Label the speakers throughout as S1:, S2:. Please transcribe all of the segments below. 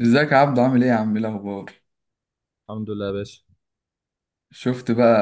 S1: ازيك يا عبدو؟ عامل ايه يا عم؟ ايه الاخبار؟
S2: الحمد لله يا باشا.
S1: شفت بقى.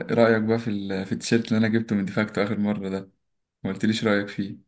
S1: ايه رايك بقى في التيشيرت اللي انا جبته من ديفاكتو اخر مره ده؟ ما قلتليش رايك فيه.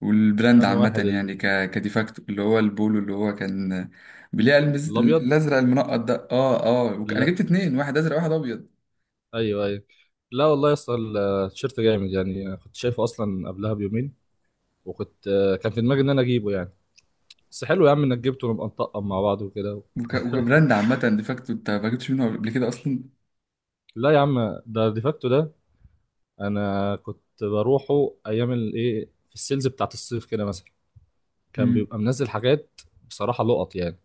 S1: والبراند
S2: انا واحد
S1: عامه يعني
S2: ال-
S1: كديفاكتو، اللي هو البولو اللي هو كان بليه
S2: الابيض.
S1: الازرق المنقط ده، اه. انا
S2: لا.
S1: جبت اتنين، واحد ازرق واحد ابيض.
S2: ايوه، ايوه. لا والله يا اسطى التيشيرت جامد يعني، أنا كنت شايفه اصلا قبلها بيومين، وكنت كان في دماغي ان انا اجيبه يعني. بس حلو يا عم انك جبته ونبقى نطقم مع بعض وكده
S1: وكبراند عامه ديفاكتو، انت ما جبتش منه قبل كده اصلا؟
S2: لا يا عم، ده ديفاكتو ده. انا كنت بروحه ايام الايه في السيلز بتاعت الصيف كده مثلا، كان
S1: امم
S2: بيبقى منزل حاجات. بصراحه لقط يعني،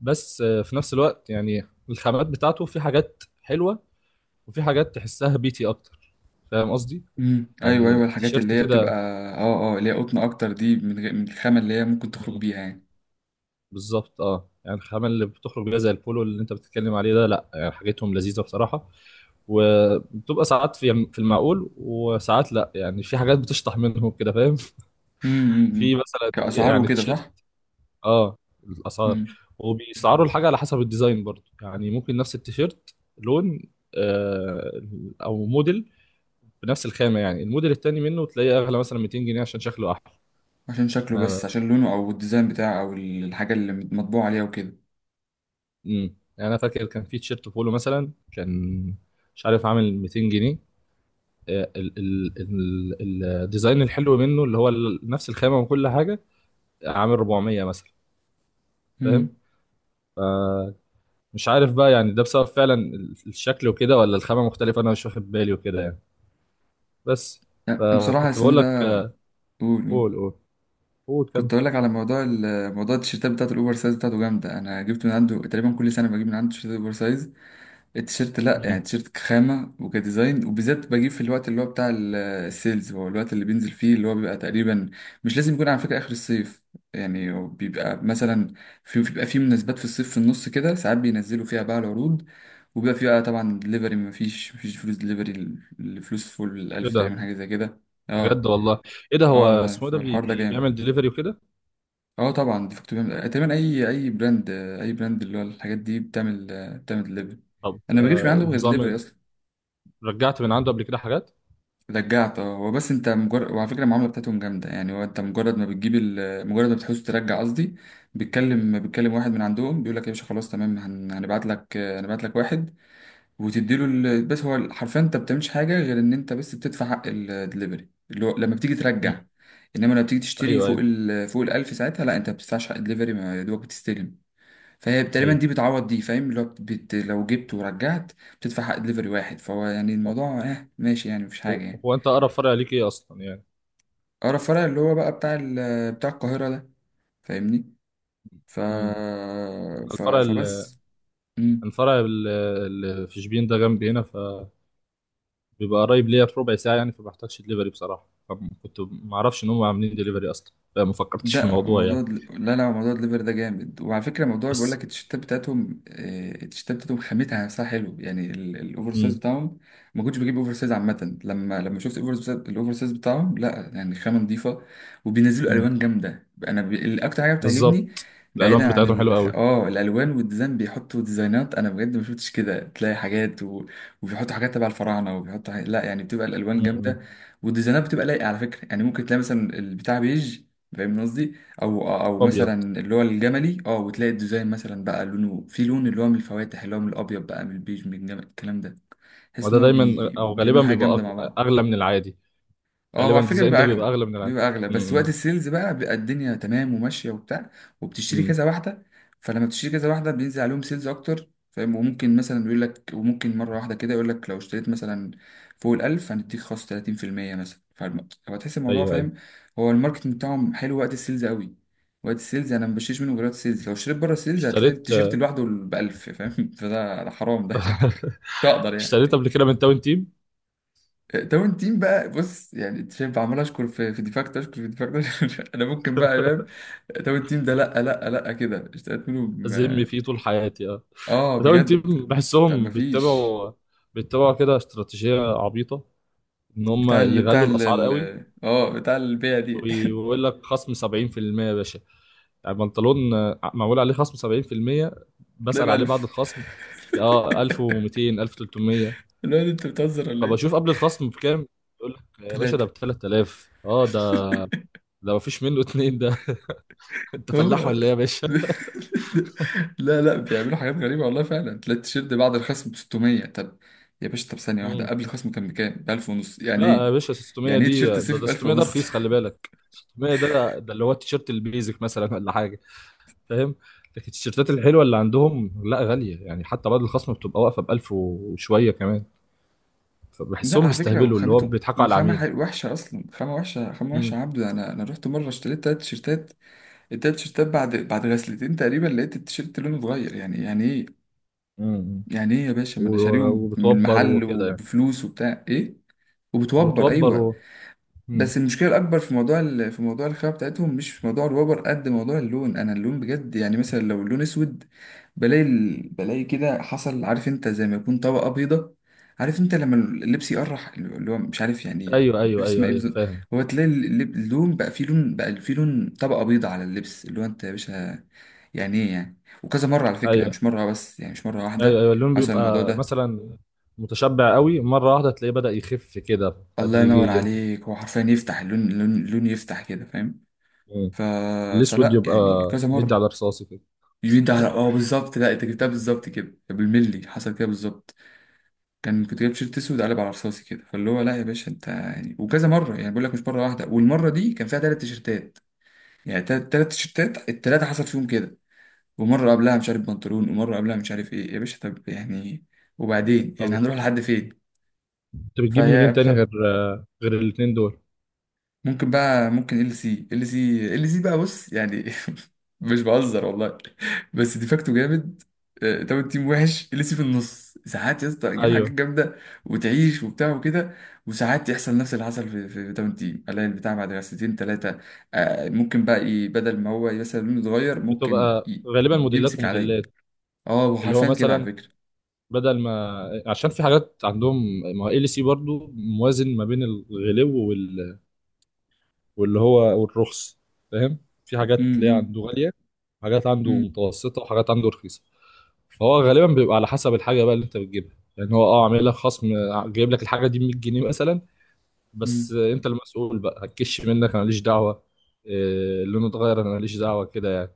S2: بس في نفس الوقت يعني الخامات بتاعته في حاجات حلوه، وفي حاجات تحسها بيتي اكتر. فاهم قصدي؟
S1: ايوه ايوه،
S2: يعني
S1: الحاجات اللي
S2: التيشيرت
S1: هي بتبقى
S2: كده.
S1: اه اه اللي هي قطن اكتر دي، من غير من الخامه اللي هي ممكن تخرج
S2: مم.
S1: بيها يعني.
S2: بالظبط اه، يعني الخامة اللي بتخرج بيها زي البولو اللي انت بتتكلم عليه ده، لا يعني حاجتهم لذيذة بصراحة. وبتبقى ساعات في المعقول، وساعات لا يعني في حاجات بتشطح منهم كده، فاهم
S1: امم امم
S2: في
S1: امم.
S2: مثلا
S1: كاسعار
S2: يعني
S1: وكده،
S2: تيشيرت.
S1: صح.
S2: اه الاسعار. وبيسعروا الحاجة على حسب الديزاين برضو، يعني ممكن نفس التيشيرت لون، آه او موديل بنفس الخامة، يعني الموديل التاني منه تلاقيه اغلى مثلا 200 جنيه عشان شكله احلى.
S1: عشان شكله،
S2: انا
S1: بس عشان لونه او الديزاين بتاعه او الحاجه اللي مطبوع عليها وكده.
S2: امم، انا فاكر كان في تيشيرت بولو مثلا، كان مش عارف عامل 200 جنيه، الديزاين الحلو منه نفس الخامه وكل حاجه، عامل 400 مثلا. فاهم؟
S1: امم،
S2: مش عارف بقى يعني ده بسبب فعلا الشكل وكده، ولا الخامه مختلفه، انا مش واخد بالي وكده يعني. بس.
S1: يعني بصراحه
S2: فكنت
S1: اسمه
S2: بقول لك
S1: ده.
S2: آه،
S1: قول قول.
S2: قول، قول. قول كم.
S1: كنت اقول لك على موضوع موضوع التيشيرتات بتاعته الاوفر سايز، بتاعته جامده. انا جبت من عنده تقريبا كل سنه، بجيب من عنده تيشيرت اوفر سايز. التيشيرت لا يعني،
S2: مم.
S1: التيشيرت كخامه وكديزاين، وبالذات بجيب في الوقت اللي هو بتاع السيلز، هو الوقت اللي بينزل فيه اللي هو بيبقى تقريبا. مش لازم يكون على فكره اخر الصيف. يعني هو بيبقى مثلا، في مناسبات في الصيف في النص كده ساعات بينزلوا فيها بقى العروض. وبيبقى فيه بقى طبعا دليفري، مفيش فلوس دليفري. الفلوس فوق
S2: ايه
S1: الألف
S2: ده؟
S1: تقريبا، حاجة زي كده. اه،
S2: بجد والله؟ ايه ده، هو
S1: اه لا،
S2: اسمه إيه ده؟
S1: فالحوار ده جامد.
S2: بيعمل دليفري وكده؟
S1: اه طبعا دي فاكتور بيعمل، تقريبا أي براند اللي هو الحاجات دي بتعمل، بتعمل دليفري.
S2: طب
S1: أنا ما بجيبش من عندهم غير دليفري أصلا.
S2: رجعت من عنده قبل كده حاجات؟
S1: رجعت، اه هو بس أنت مجرد، وعلى فكرة المعاملة بتاعتهم جامدة يعني. هو أنت مجرد ما بتجيب مجرد ما بتحوز ترجع قصدي، بيتكلم واحد من عندهم، بيقول لك يا باشا خلاص تمام، هن... هنبعت لك هنبعت لك واحد. وتديله بس هو حرفيا انت بتعملش حاجه، غير ان انت بس بتدفع حق الدليفري اللي هو لما بتيجي
S2: مم.
S1: ترجع. انما لما بتيجي تشتري
S2: ايوه،
S1: فوق
S2: ايوه،
S1: ال فوق الالف، ساعتها لا، انت ما بتدفعش حق الدليفري، ما يا دوبك بتستلم. فهي تقريبا
S2: ايوه.
S1: دي بتعوض دي، فاهم؟ اللي هو لو جبت ورجعت بتدفع حق دليفري واحد، فهو يعني الموضوع اه ماشي يعني، مفيش
S2: هو،
S1: حاجه يعني.
S2: انت اقرب فرع ليك ايه اصلا يعني؟
S1: اقرب فرع اللي هو بقى بتاع بتاع القاهره ده، فاهمني؟ ف...
S2: امم. الفرع ال-
S1: فبس. مم.
S2: اللي في شبين ده جنبي هنا، فبيبقى قريب ليا بربع ساعه يعني، فما بحتاجش دليفري بصراحه. فكنت ما اعرفش ان هم عاملين دليفري اصلا، فما فكرتش في
S1: ده
S2: الموضوع
S1: موضوع
S2: يعني.
S1: لا لا، موضوع الليفر ده جامد، وعلى فكره موضوع بيقول
S2: بس.
S1: لك، التيشيرتات بتاعتهم، التيشيرتات بتاعتهم خامتها نفسها حلو يعني، الاوفر سايز
S2: امم.
S1: بتاعهم. ما كنتش بجيب اوفر سايز عامه، لما شفت الاوفر سايز، الاوفر سايز بتاعهم لا يعني، خامه نظيفه. وبينزلوا
S2: امم.
S1: الوان جامده، الاكتر حاجه بتعجبني،
S2: بالظبط. الالوان
S1: بعيدا
S2: بتاعتهم
S1: عن
S2: حلوه
S1: الخ...
S2: قوي.
S1: اه الالوان والديزاين، بيحطوا ديزاينات انا بجد ما شفتش كده، تلاقي حاجات و... وبيحطوا حاجات تبع الفراعنه، وبيحطوا حاجات، لا يعني بتبقى الالوان
S2: امم.
S1: جامده، والديزاينات بتبقى لايقه على فكره يعني. ممكن تلاقي مثلا البتاع بيج، فاهم قصدي؟ او او
S2: ابيض.
S1: مثلا اللي هو الجملي اه، وتلاقي الديزاين مثلا بقى لونه في لون اللي هو من الفواتح، اللي هو من الابيض بقى، من البيج، من الجمل، الكلام ده. تحس ان
S2: وده
S1: هو
S2: دايما او غالبا
S1: بيعملوا حاجه جامده مع بعض.
S2: اغلى من العادي.
S1: اه هو
S2: غالبا
S1: على فكره
S2: الديزاين
S1: بيبقى
S2: ده بيبقى
S1: اغلى
S2: اغلى من العادي.
S1: بيبقى اغلى بس وقت
S2: امم.
S1: السيلز بقى بيبقى الدنيا تمام وماشيه وبتاع. وبتشتري
S2: امم.
S1: كذا واحده، فلما بتشتري كذا واحده بينزل عليهم سيلز اكتر، فاهم؟ وممكن مثلا يقول لك، وممكن مره واحده كده يقول لك لو اشتريت مثلا فوق الألف، هنديك خصم 30% مثلا. فهتحس الموضوع،
S2: ايوه، ايوه.
S1: فاهم؟ هو الماركتنج بتاعهم حلو وقت السيلز قوي. وقت السيلز انا ما بشتريش منه غير وقت السيلز، لو اشتريت بره السيلز هتلاقي
S2: اشتريت.
S1: التيشيرت لوحده ب 1000، فاهم؟ فده ده حرام ده، مش هقدر يعني.
S2: اشتريت قبل كده من تاون تيم.
S1: داون تيم بقى بص يعني، انت شايف عمال اشكر في في ديفاكت، اشكر في ديفاكت انا ممكن بقى يا امام. داون تيم ده لا لا لا كده اشتقت منه
S2: أذم فيه طول حياتي اه.
S1: اه،
S2: الراون
S1: بجد.
S2: تيم،
S1: طب ما
S2: بحسهم
S1: فيش
S2: بيتبعوا كده استراتيجية عبيطة، إن هم
S1: بتاع
S2: يغلوا الأسعار قوي.
S1: بتاع البيع دي.
S2: ويقول لك خصم 70% يا باشا، يعني بنطلون معمول عليه خصم 70%.
S1: تلاقي ب
S2: بسأل عليه بعد
S1: 1000.
S2: الخصم. اه، 1200، 1300.
S1: الواد انت بتهزر ولا
S2: فبشوف
S1: ايه؟
S2: قبل الخصم بكام. يقول لك يا باشا ده
S1: ثلاثة.
S2: ب 3000. اه ده، ده مفيش منه اتنين ده. انت فلاح
S1: هو
S2: ولا ايه يا باشا؟
S1: لا لا، بيعملوا حاجات غريبة والله، فعلا تلاقي التيشيرت بعد الخصم ب 600. طب يا باشا، طب ثانية واحدة، قبل الخصم كان بكام؟ ب 1000 ونص، يعني
S2: لا يا
S1: ايه؟
S2: باشا، 600
S1: يعني ايه
S2: دي
S1: تيشيرت
S2: ده,
S1: صيفي ب
S2: ده
S1: 1000
S2: 600 ده
S1: ونص؟
S2: رخيص، خلي بالك، 600 ده ده اللي هو التيشيرت البيزك مثلا ولا حاجه. فاهم؟ لكن التيشيرتات الحلوه اللي عندهم لا، غاليه، يعني حتى بعد الخصم بتبقى واقفه ب 1000 وشويه كمان.
S1: لا
S2: فبحسهم
S1: على فكرة
S2: بيستهبلوا، اللي هو
S1: وخامته،
S2: بيضحكوا على العميل.
S1: وحشة أصلا، خامة وحشة، خامة
S2: امم.
S1: وحشة يا عبدو. أنا أنا رحت مرة اشتريت تلات تيشيرتات. التلات تيشيرتات بعد بعد غسلتين تقريبا، لقيت التيشيرت لونه اتغير. يعني يعني إيه؟
S2: امم.
S1: يعني إيه يا باشا؟ ما أنا شاريهم من
S2: وبتوبر
S1: محل
S2: وكده يعني.
S1: وبفلوس وبتاع إيه. وبتوبر
S2: وبتوبر
S1: أيوه.
S2: و... مم.
S1: بس المشكله الاكبر في موضوع في موضوع الخامه بتاعتهم، مش في موضوع الوبر قد موضوع اللون. انا اللون بجد يعني، مثلا لو اللون اسود بلاقي بلاقي كده حصل، عارف انت زي ما يكون طبقه بيضه، عارف انت لما اللبس يقرح، اللي هو مش عارف يعني،
S2: ايوه،
S1: مش
S2: ايوه،
S1: عارف اسمها
S2: ايوه،
S1: ايه
S2: ايوه،
S1: بالظبط.
S2: فاهم.
S1: هو تلاقي اللون بقى فيه لون، بقى فيه لون طبقه بيضه على اللبس، اللي هو انت يا باشا يعني ايه يعني؟ وكذا مره على فكره يعني،
S2: ايوه،
S1: مش مره بس، يعني مش مره
S2: ايوه،
S1: واحده
S2: ايوه. اللون
S1: حصل الموضوع
S2: بيبقى
S1: ده.
S2: مثلا متشبع قوي، مره واحده تلاقيه بدأ يخف كده
S1: الله ينور
S2: تدريجيا.
S1: عليك. هو حرفيا يفتح اللون، اللون يفتح كده، فاهم؟ ف...
S2: الاسود
S1: فلا
S2: يبقى
S1: يعني كذا
S2: مدي
S1: مرة.
S2: على رصاصي كده.
S1: يمين ده على اه بالظبط، لا انت جبتها بالظبط كده بالملي، حصل كده بالظبط. كان كنت جايب تيشيرت اسود قلب على رصاصي كده، فاللي هو لا يا باشا انت يعني. وكذا مرة يعني، بقول لك مش مرة واحدة، والمرة دي كان فيها ثلاث تيشيرتات. يعني ثلاث تيشيرتات، الثلاثة حصل فيهم كده. ومرة قبلها مش عارف بنطلون، ومرة قبلها مش عارف ايه يا باشا، طب يعني وبعدين، يعني
S2: طب
S1: هنروح لحد فين؟
S2: انت بتجيب منين
S1: فهي
S2: تاني غير غير الاتنين دول؟
S1: ممكن بقى، ممكن ال سي، ال سي بقى بص يعني مش بهزر والله. بس ديفاكتو جامد. طب التيم وحش. ال سي في النص ساعات يا اسطى، تجيب حاجات
S2: ايوه.
S1: جامده وتعيش وبتاع وكده. وساعات يحصل نفس اللي حصل في في تاون تيم، الاقي البتاع بعد سنتين ثلاثه ممكن بقى بدل ما هو مثلا لونه اتغير، ممكن
S2: بتبقى غالبا موديلات
S1: يمسك عليا.
S2: وموديلات.
S1: اه،
S2: اللي هو
S1: وحرفيا كده على
S2: مثلا،
S1: فكره.
S2: بدل ما، عشان في حاجات عندهم، ما ال سي برضو موازن ما بين الغلو وال... واللي هو والرخص. فاهم؟ في حاجات تلاقيها
S1: امم
S2: عنده غاليه، حاجات عنده
S1: امم
S2: متوسطه، وحاجات عنده رخيصه. فهو غالبا بيبقى على حسب الحاجه بقى اللي انت بتجيبها، يعني هو اه عامل لك خصم، جايب لك الحاجه دي ب 100 جنيه مثلا، بس انت المسؤول بقى، هتكش منك انا ماليش دعوه، لونه اتغير انا ماليش دعوه كده يعني.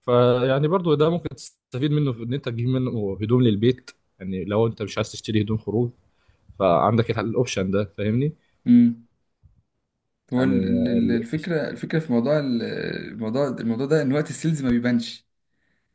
S2: فيعني برضو ده ممكن تستفيد منه في ان انت تجيب منه هدوم للبيت، يعني لو انت مش عايز تشتري هدوم خروج، فعندك الاوبشن ده، فاهمني؟
S1: امم هو
S2: يعني ال...
S1: الفكرة في موضوع الموضوع، الموضوع ده إن وقت السيلز ما بيبانش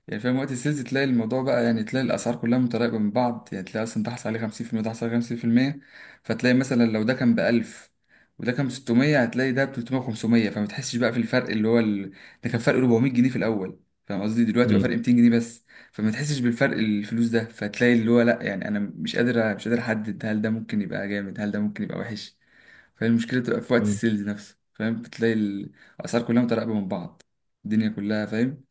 S1: يعني، فاهم؟ وقت السيلز تلاقي الموضوع بقى يعني، تلاقي الأسعار كلها متراكمة من بعض. يعني تلاقي أصلا ده حصل عليه 50%، ده حصل عليه 50%. فتلاقي مثلا لو ده كان ب 1000، وده كان ب 600، هتلاقي ده ب 300، 500، فما تحسش بقى في الفرق اللي هو ال... ده كان فرق 400 جنيه في الأول، فاهم قصدي؟ دلوقتي بقى
S2: مم.
S1: فرق 200 جنيه بس. فما تحسش بالفرق الفلوس ده، فتلاقي اللي هو لا يعني أنا مش قادر، مش قادر أحدد. هل ده ممكن يبقى جامد؟ هل ده ممكن يبقى وحش؟ فالمشكلة بتبقى في وقت
S2: مم.
S1: السيلز نفسه، فاهم؟ بتلاقي الأسعار كلها متراقبة من بعض، الدنيا كلها، فاهم؟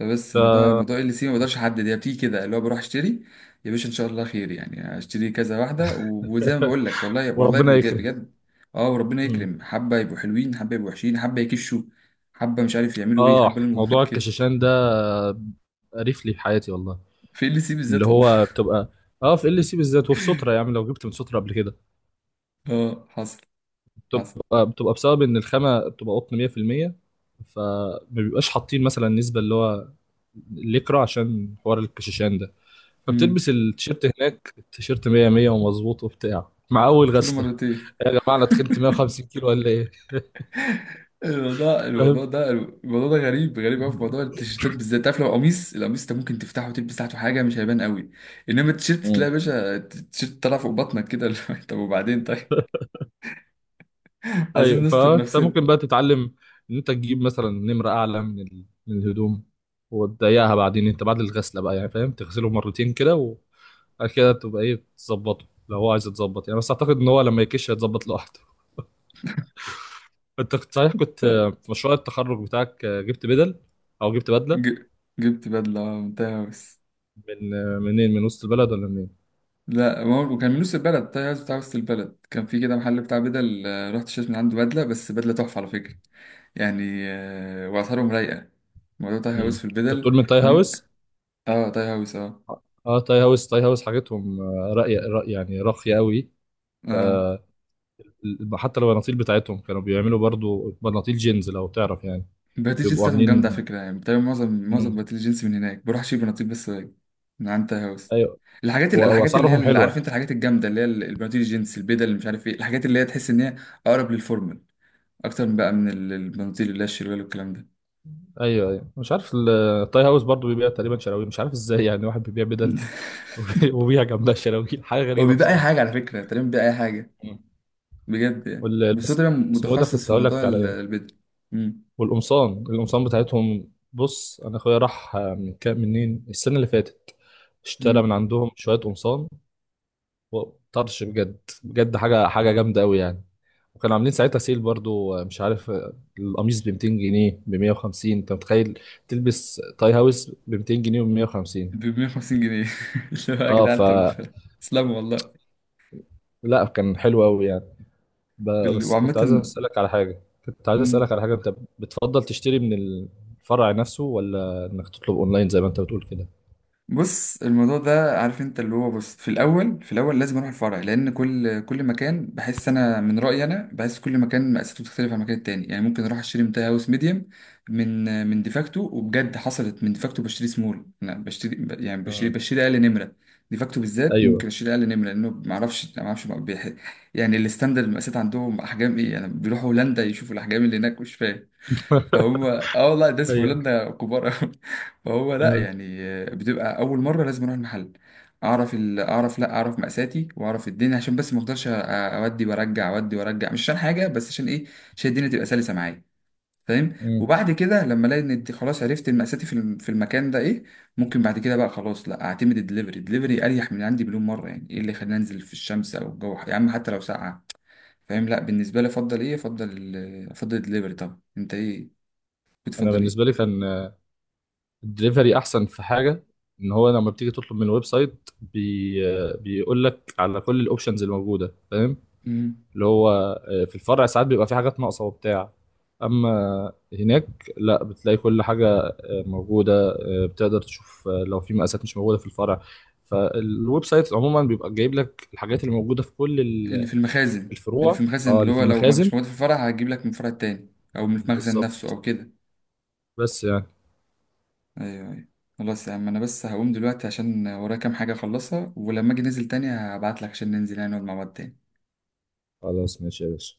S1: فبس موضوع
S2: تا-
S1: ال سي ما بقدرش أحدد، هي بتيجي كده، اللي هو بروح أشتري يا باشا إن شاء الله خير يعني، أشتري كذا واحدة وزي ما بقول لك، والله والله
S2: وربنا
S1: بجد
S2: يكرم.
S1: بجد. أه وربنا
S2: مم.
S1: يكرم. حبة يبقوا حلوين، حبة يبقوا وحشين، حبة يكشوا، حبة مش عارف يعملوا إيه،
S2: اه،
S1: حبة لهم
S2: موضوع
S1: كده.
S2: الكشاشان ده قريف لي في حياتي والله.
S1: في ال سي
S2: اللي
S1: بالذات والله.
S2: هو بتبقى، اه في ال سي بالذات، وفي سترة، يعني لو جبت من سترة قبل كده،
S1: أه، حصل حصل.
S2: بتبقى بسبب ان الخامه بتبقى قطن 100%، فما بيبقاش حاطين مثلا نسبه اللي هو الليكرا عشان حوار الكشاشان ده.
S1: امم،
S2: فبتلبس التيشيرت هناك، التيشيرت 100 100 ومظبوط وبتاع مع اول
S1: شفت له
S2: غسله،
S1: مرتين.
S2: يا جماعه انا تخنت 150 كيلو ولا ايه؟
S1: الموضوع
S2: فاهم.
S1: الموضوع ده غريب، قوي في موضوع التيشيرتات بالذات. عارف لو قميص، القميص انت ممكن تفتحه وتلبس تحته حاجه مش هيبان قوي. انما التيشيرت
S2: مم.
S1: تلاقي يا باشا التيشيرت طالع فوق بطنك كده اللي هو طب وبعدين طيب. عايزين
S2: ايوه،
S1: نستر
S2: فانت
S1: نفسنا.
S2: ممكن بقى تتعلم ان انت تجيب مثلا نمره اعلى من الهدوم، وتضيقها بعدين انت بعد الغسله بقى يعني، فاهم، تغسله مرتين كده، بعد كده تبقى ايه، بتظبطه لو هو عايز يتظبط يعني. بس اعتقد ان هو لما يكش هيتظبط لوحده. انت كنت صحيح، كنت في مشروع التخرج بتاعك جبت بدل، او جبت بدله،
S1: ج... جبت بدله، من تاي هاوس.
S2: من منين، من وسط البلد ولا منين؟
S1: لا ما هو وكان من نص البلد، تاي هاوس بتاع وسط البلد، كان في كده محل بتاع بدل، رحت اشتريت من عنده بدله، بس بدله تحفه على فكره يعني. واسعارهم رايقه. موضوع تاي
S2: مم.
S1: هاوس في
S2: انت بتقول
S1: البدل.
S2: من تاي
S1: انا ممكن،
S2: هاوس.
S1: اه تاي هاوس اه.
S2: اه، تاي هاوس، تاي هاوس حاجتهم راقيه رأي، يعني راقيه قوي.
S1: اه،
S2: حتى لو البناطيل بتاعتهم، كانوا بيعملوا برضو بناطيل جينز لو تعرف يعني.
S1: بناديل الجنس
S2: بيبقوا
S1: بتاعتهم
S2: عاملين.
S1: جامدة على فكرة يعني. بتعمل معظم
S2: مم.
S1: بناديل الجنس من هناك، بروح أشيل بناطيل بس من عند تاي هاوس.
S2: ايوه.
S1: الحاجات الحاجات اللي هي،
S2: واسعارهم
S1: اللي
S2: حلوه.
S1: عارف انت، الحاجات الجامدة اللي هي البناطيل الجينز البيضة اللي مش عارف ايه، الحاجات اللي هي تحس ان هي أقرب للفورمال، أكتر من بقى من البناطيل اللي هي الشروال والكلام ده.
S2: ايوه، ايوه. مش عارف ال- التاي هاوس برضه بيبيع تقريبا شراويل، مش عارف ازاي يعني واحد بيبيع بدل وبيبيع جنبها شراويل، حاجه
S1: هو
S2: غريبه
S1: بيبقى أي حاجة
S2: بصراحه.
S1: على فكرة، تقريبا بيبقى أي حاجة،
S2: مم.
S1: بجد يعني.
S2: وال
S1: بس هو
S2: بس.
S1: تقريبا
S2: اسمه إيه ده،
S1: متخصص
S2: كنت
S1: في
S2: هقول
S1: موضوع
S2: لك على ايه.
S1: البيضة. أمم.
S2: القمصان بتاعتهم، بص انا اخويا راح من كام، منين، السنه اللي فاتت، اشترى
S1: مم.
S2: من عندهم شويه قمصان، وطرش بجد بجد حاجه، حاجه جامده قوي يعني. وكانوا عاملين ساعتها سيل برضو مش عارف، القميص ب 200 جنيه، ب 150، انت متخيل تلبس تاي هاوس ب 200 جنيه و 150؟
S1: ب 150 جنيه. اللي هو يا
S2: اه ف.
S1: جدعان طب اسلموا والله.
S2: لا كان حلو قوي يعني. ب... بس كنت عايز
S1: وعامة.
S2: اسالك على حاجه، كنت عايز
S1: مم.
S2: اسالك على حاجه، انت بتفضل تشتري من الفرع نفسه، ولا انك تطلب اونلاين زي ما انت بتقول كده؟
S1: بص الموضوع ده، عارف انت اللي هو، بص في الاول، في الاول لازم اروح الفرع، لان كل مكان بحس، انا من رايي انا بحس كل مكان مقاساته بتختلف عن المكان التاني يعني. ممكن اروح اشتري منتهى هاوس ميديم، من ديفاكتو، وبجد حصلت من ديفاكتو بشتري سمول. انا بشتري يعني بشتري،
S2: امم.
S1: بشتري اقل نمره. ديفاكتو بالذات ممكن
S2: ايوه.
S1: اشتري اقل نمره، لانه ما اعرفش بقى يعني الستاندرد المقاسات عندهم احجام ايه يعني، بيروحوا هولندا يشوفوا الاحجام اللي هناك مش فاهم. فهم اه والله، الناس في
S2: ايوه.
S1: هولندا كبار أوي. فهو لا
S2: مم.
S1: يعني، بتبقى اول مره لازم اروح المحل، اعرف ال... اعرف لا اعرف مقاساتي واعرف الدنيا، عشان بس ما افضلش اودي وارجع اودي وارجع، مش عشان حاجه، بس عشان ايه؟ عشان الدنيا تبقى سلسه معايا، فاهم؟
S2: مم.
S1: وبعد كده لما الاقي ان خلاص عرفت مقاساتي في في المكان ده، ايه ممكن بعد كده بقى خلاص لا، اعتمد الدليفري. الدليفري اريح من عندي مليون مره، يعني ايه اللي يخليني انزل في الشمس او الجو يا عم حتى لو ساقعه، فاهم؟ لا بالنسبه لي افضل ايه، افضل الدليفري طبعا. انت ايه
S2: انا
S1: بتفضل ايه؟
S2: بالنسبه لي كان الدليفري احسن في حاجه، ان هو لما بتيجي تطلب من الويب سايت بيقول لك على كل الاوبشنز الموجوده، فاهم.
S1: مم.
S2: اللي هو في الفرع ساعات بيبقى في حاجات ناقصه وبتاع، اما هناك لا، بتلاقي كل حاجه موجوده، بتقدر تشوف لو في مقاسات مش موجوده في الفرع، فالويب سايت عموما بيبقى جايب لك الحاجات اللي موجوده في كل
S1: اللي في
S2: الفروع،
S1: المخازن
S2: اه
S1: اللي
S2: اللي في
S1: هو لو ما
S2: المخازن.
S1: كانش موجود في الفرع، هجيب لك من الفرع التاني، او من المخزن نفسه
S2: بالظبط.
S1: او كده.
S2: بس يعني.
S1: ايوه ايوه. خلاص يا عم، انا بس هقوم دلوقتي عشان ورايا كام حاجه اخلصها، ولما اجي ننزل تاني هبعت لك عشان ننزل يعني، نقعد مع بعض تاني.
S2: خلاص ماشي يا باشا.